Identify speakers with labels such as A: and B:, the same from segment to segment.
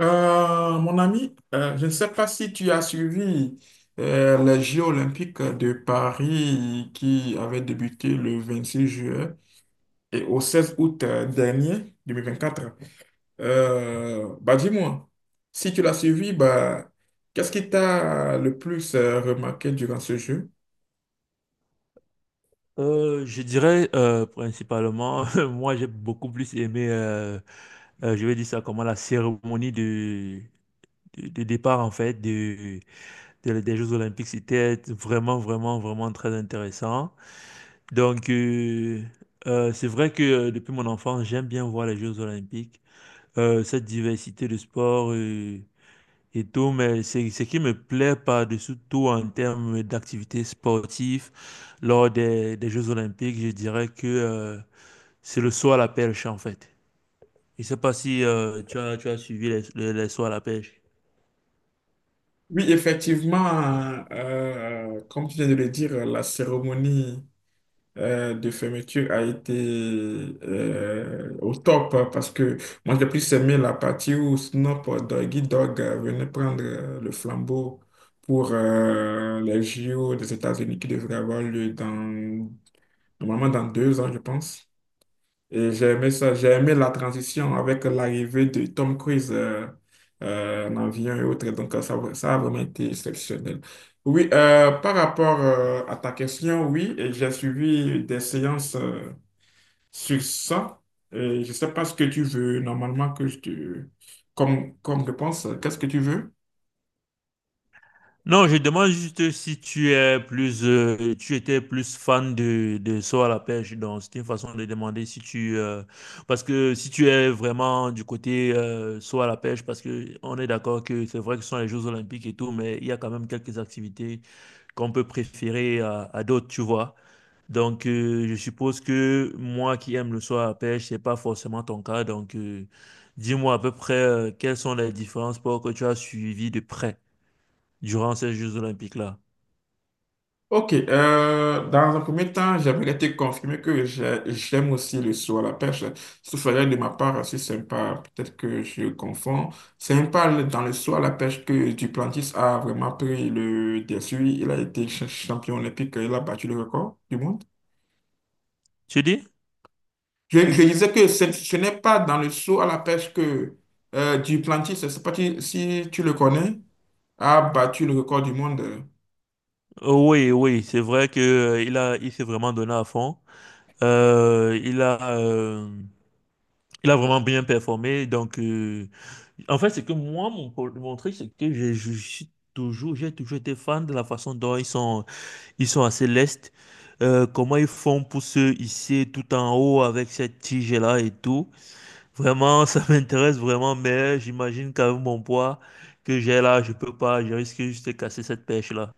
A: Mon ami, je ne sais pas si tu as suivi les Jeux olympiques de Paris qui avaient débuté le 26 juillet et au 16 août dernier, 2024. Bah dis-moi, si tu l'as suivi, bah, qu'est-ce qui t'a le plus remarqué durant ce jeu?
B: Je dirais principalement, moi j'ai beaucoup plus aimé, je vais dire ça comment, la cérémonie de départ en fait des Jeux Olympiques. C'était vraiment, vraiment, vraiment très intéressant. Donc, c'est vrai que depuis mon enfance, j'aime bien voir les Jeux Olympiques, cette diversité de sports, et tout, mais c'est ce qui me plaît par-dessus tout en termes d'activités sportives lors des Jeux Olympiques, je dirais que c'est le saut à la pêche, en fait. Je ne sais pas si tu as suivi les sauts à la pêche.
A: Oui, effectivement, comme tu viens de le dire, la cérémonie de fermeture a été au top hein, parce que moi j'ai plus aimé la partie où Snoop Doggy Dogg venait prendre le flambeau pour les JO des États-Unis qui devraient avoir lieu normalement dans 2 ans, je pense. Et j'ai aimé ça, j'ai aimé la transition avec l'arrivée de Tom Cruise en avion et autres. Donc, ça, ça a vraiment été exceptionnel. Oui, par rapport à ta question, oui, et j'ai suivi des séances sur ça. Et je ne sais pas ce que tu veux normalement que je te... comme, comme réponse. Qu'est-ce que tu veux?
B: Non, je demande juste si tu étais plus fan de saut à la pêche. Donc, c'est une façon de demander si tu, parce que si tu es vraiment du côté saut à la pêche, parce que on est d'accord que c'est vrai que ce sont les Jeux Olympiques et tout, mais il y a quand même quelques activités qu'on peut préférer à d'autres, tu vois. Donc, je suppose que moi qui aime le soir à la pêche, c'est pas forcément ton cas. Donc, dis-moi à peu près quelles sont les différents sports que tu as suivis de près durant ces Jeux Olympiques-là.
A: Ok, dans un premier temps, j'aimerais te confirmer que j'aime aussi le saut à la pêche. Ce serait de ma part assez sympa. Peut-être que je confonds. C'est un pal dans le saut à la pêche que Duplantis a vraiment pris le dessus. Il a été champion olympique. Il a battu le record du monde.
B: Tu dis?
A: Je disais que ce n'est pas dans le saut à la pêche que Duplantis, je ne sais pas si tu le connais, a battu le record du monde.
B: Oh, oui, oui, c'est vrai que il s'est vraiment donné à fond. Euh, il a, euh, il a vraiment bien performé. Donc, en fait, c'est que moi, mon truc, c'est que j'ai toujours été fan de la façon dont ils sont. Ils sont assez lestes. Comment ils font pour se hisser tout en haut avec cette tige-là et tout. Vraiment, ça m'intéresse vraiment, mais j'imagine qu'avec mon poids que j'ai là, je peux pas, je risque juste de casser cette pêche-là.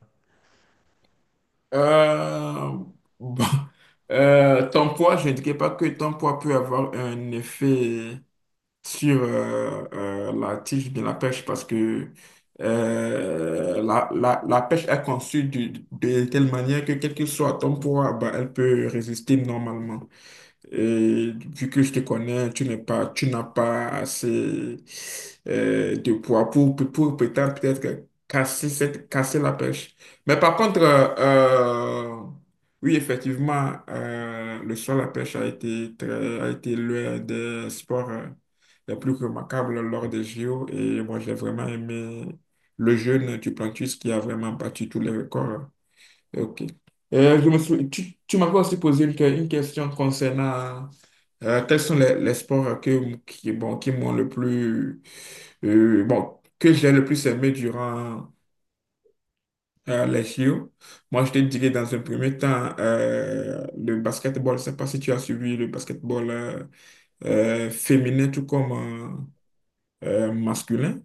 A: Euh, bon, ton poids, je ne dirais pas que ton poids peut avoir un effet sur la tige de la pêche parce que la, la pêche est conçue de telle manière que quel que soit ton poids, bah, elle peut résister normalement. Et vu que je te connais, tu n'as pas assez de poids pour, pour prétendre peut-être casser casser la pêche. Mais par contre, oui, effectivement, le saut à la pêche a a été l'un des sports les plus remarquables lors des JO. Et moi, j'ai vraiment aimé le jeune du Plantus qui a vraiment battu tous les records. Ok. Tu, tu m'avais aussi posé une question concernant quels sont les sports bon, qui m'ont le plus, bon, que j'ai le plus aimé durant les JO. Moi, je te dirais dans un premier temps le basketball. Je ne sais pas si tu as suivi le basketball féminin tout comme masculin.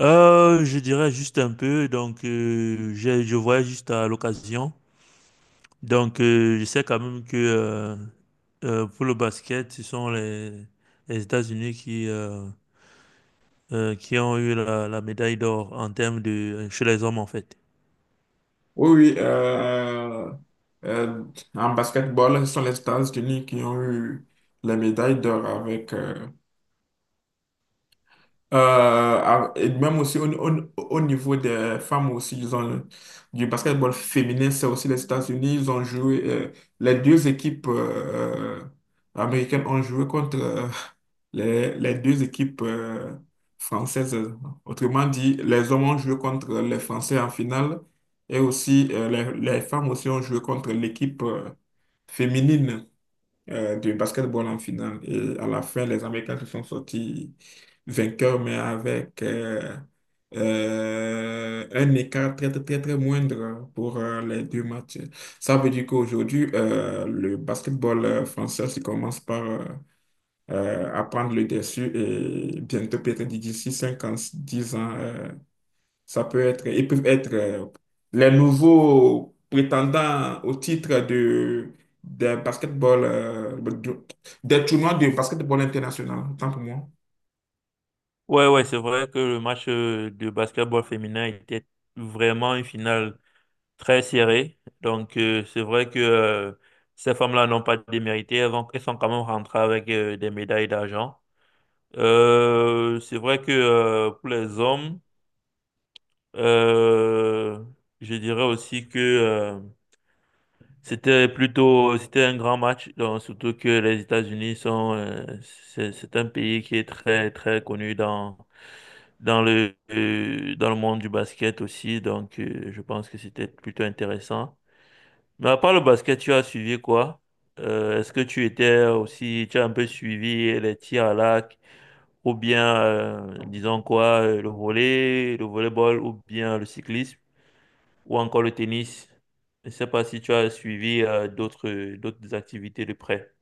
B: Je dirais juste un peu, donc je voyais juste à l'occasion. Donc je sais quand même que pour le basket, ce sont les États-Unis qui ont eu la médaille d'or en termes de chez les hommes en fait.
A: Oui, oui. Euh, En basketball, ce sont les États-Unis qui ont eu les médailles d'or avec euh, ah, et même aussi au, au niveau des femmes aussi, du basketball féminin, c'est aussi les États-Unis, ils ont joué, les deux équipes américaines ont joué contre les deux équipes françaises. Autrement dit, les hommes ont joué contre les Français en finale et aussi les femmes aussi ont joué contre l'équipe féminine de basketball en finale. Et à la fin, les Américains se sont sortis vainqueurs, mais avec un écart très, très, très, très moindre pour les deux matchs. Ça veut dire qu'aujourd'hui, le basketball français se commence par à prendre le dessus et bientôt, peut-être d'ici 5 ans, 10 ans. Ça peut être, ils peuvent être les nouveaux prétendants au titre de basketball, des tournois de basketball international, autant pour moi.
B: Ouais, ouais, c'est vrai que le match de basketball féminin était vraiment une finale très serrée. Donc, c'est vrai que ces femmes-là n'ont pas démérité. Elles sont quand même rentrées avec des médailles d'argent. C'est vrai que pour les hommes, euh, je dirais aussi que c'était un grand match. Donc, surtout que les États-Unis c'est un pays qui est très, très connu dans le monde du basket aussi. Donc, je pense que c'était plutôt intéressant. Mais à part le basket, tu as suivi quoi? Est-ce que tu as un peu suivi les tirs à l'arc ou bien, disons quoi, le volleyball ou bien le cyclisme ou encore le tennis? Je ne sais pas si tu as suivi d'autres activités de près.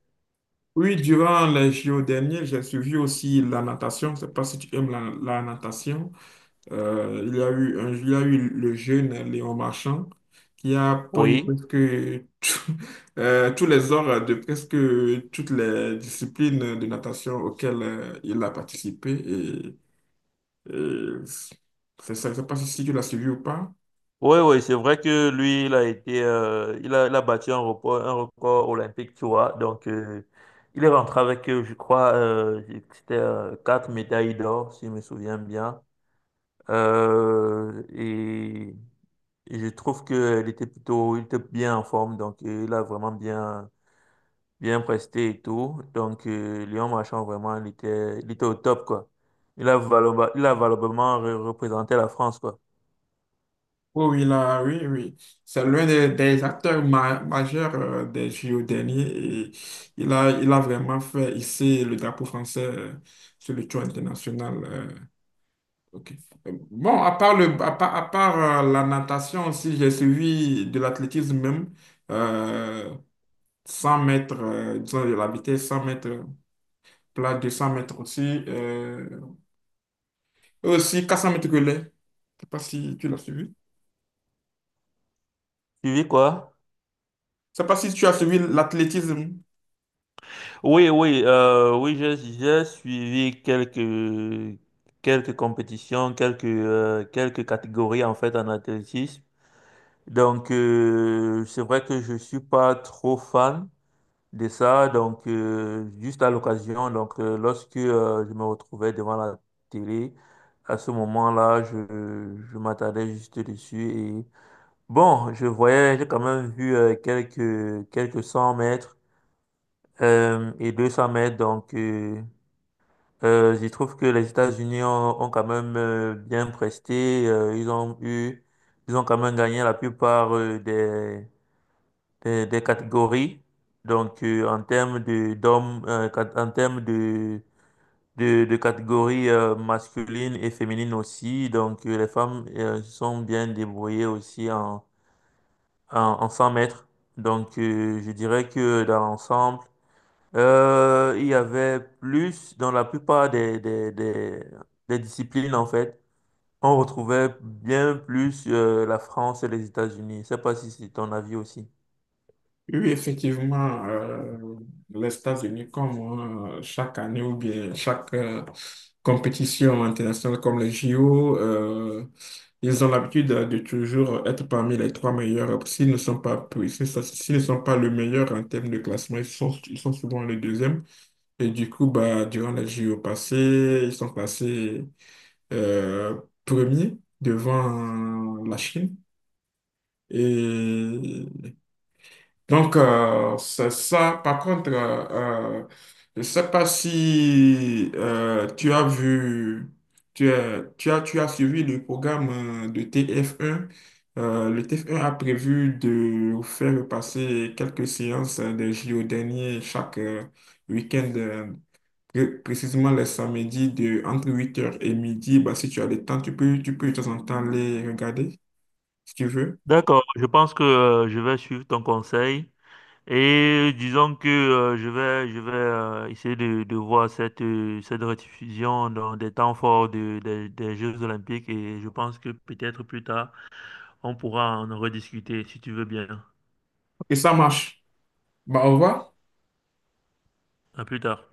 A: Oui, durant les JO derniers, j'ai suivi aussi la natation. Je ne sais pas si tu aimes la, la natation. Il y a eu un, il y a eu le jeune Léon Marchand qui a pris
B: Oui.
A: presque tout- tous les ors de presque toutes les disciplines de natation auxquelles il a participé. Et Euh, c'est ça, je ne sais pas si tu l'as suivi ou pas.
B: Oui, oui, c'est vrai que lui, il a été, il a battu un record olympique, tu vois. Donc, il est rentré avec, je crois, c'était quatre médailles d'or, si je me souviens bien. Euh, et, et je trouve qu'il était plutôt, il était bien en forme, donc il a vraiment bien presté et tout. Donc, Léon Marchand, vraiment, il était au top, quoi. Il a valablement représenté la France, quoi.
A: Oui, oui, là, oui, oui. C'est l'un des acteurs majeurs des JO derniers et il a vraiment fait ici le drapeau français sur le tour international. Ok. Bon, à part le, la natation aussi, j'ai suivi de l'athlétisme même, euh, 100 mètres, disons de la vitesse, 100 mètres plat, 200 mètres aussi, euh, et aussi 400 mètres relais. Je sais pas si tu l'as suivi.
B: Tu vis quoi?
A: Je sais pas si tu as suivi l'athlétisme.
B: Oui, oui, oui, j'ai suivi quelques compétitions, quelques catégories en fait en athlétisme. Donc, c'est vrai que je suis pas trop fan de ça. Donc, juste à l'occasion, donc, lorsque je me retrouvais devant la télé, à ce moment-là, je m'attardais juste dessus. Et bon, je voyais, j'ai quand même vu quelques 100 mètres et 200 mètres. Donc, je trouve que les États-Unis ont quand même bien presté. Ils ils ont quand même gagné la plupart des catégories. Donc, en termes de d'hommes, en termes de catégories masculines et féminines aussi. Donc, les femmes se sont bien débrouillées aussi en 100 mètres. Donc, je dirais que dans l'ensemble. Il y avait plus dans la plupart des disciplines, en fait. On retrouvait bien plus la France et les États-Unis. Je sais pas si c'est ton avis aussi.
A: Oui, oui, effectivement, les États-Unis, comme chaque année ou bien chaque compétition internationale comme les JO, ils ont l'habitude de toujours être parmi les trois meilleurs. S'ils ne sont pas le meilleur en termes de classement, ils sont souvent le deuxième. Et du coup, bah, durant les JO passés, ils sont classés premiers devant la Chine. Et donc, c'est ça. Par contre, je ne sais pas si tu as vu, tu as suivi le programme de TF1. Le TF1 a prévu de faire passer quelques séances des JO derniers chaque week-end, précisément les samedis entre 8 heures et midi. Bah, si tu as le temps, tu peux de temps en temps les regarder si tu veux.
B: D'accord, je pense que je vais suivre ton conseil et disons que je vais essayer de voir cette rediffusion dans des temps forts des Jeux Olympiques et je pense que peut-être plus tard, on pourra en rediscuter si tu veux bien.
A: Et ça marche. Bah, au revoir.
B: À plus tard.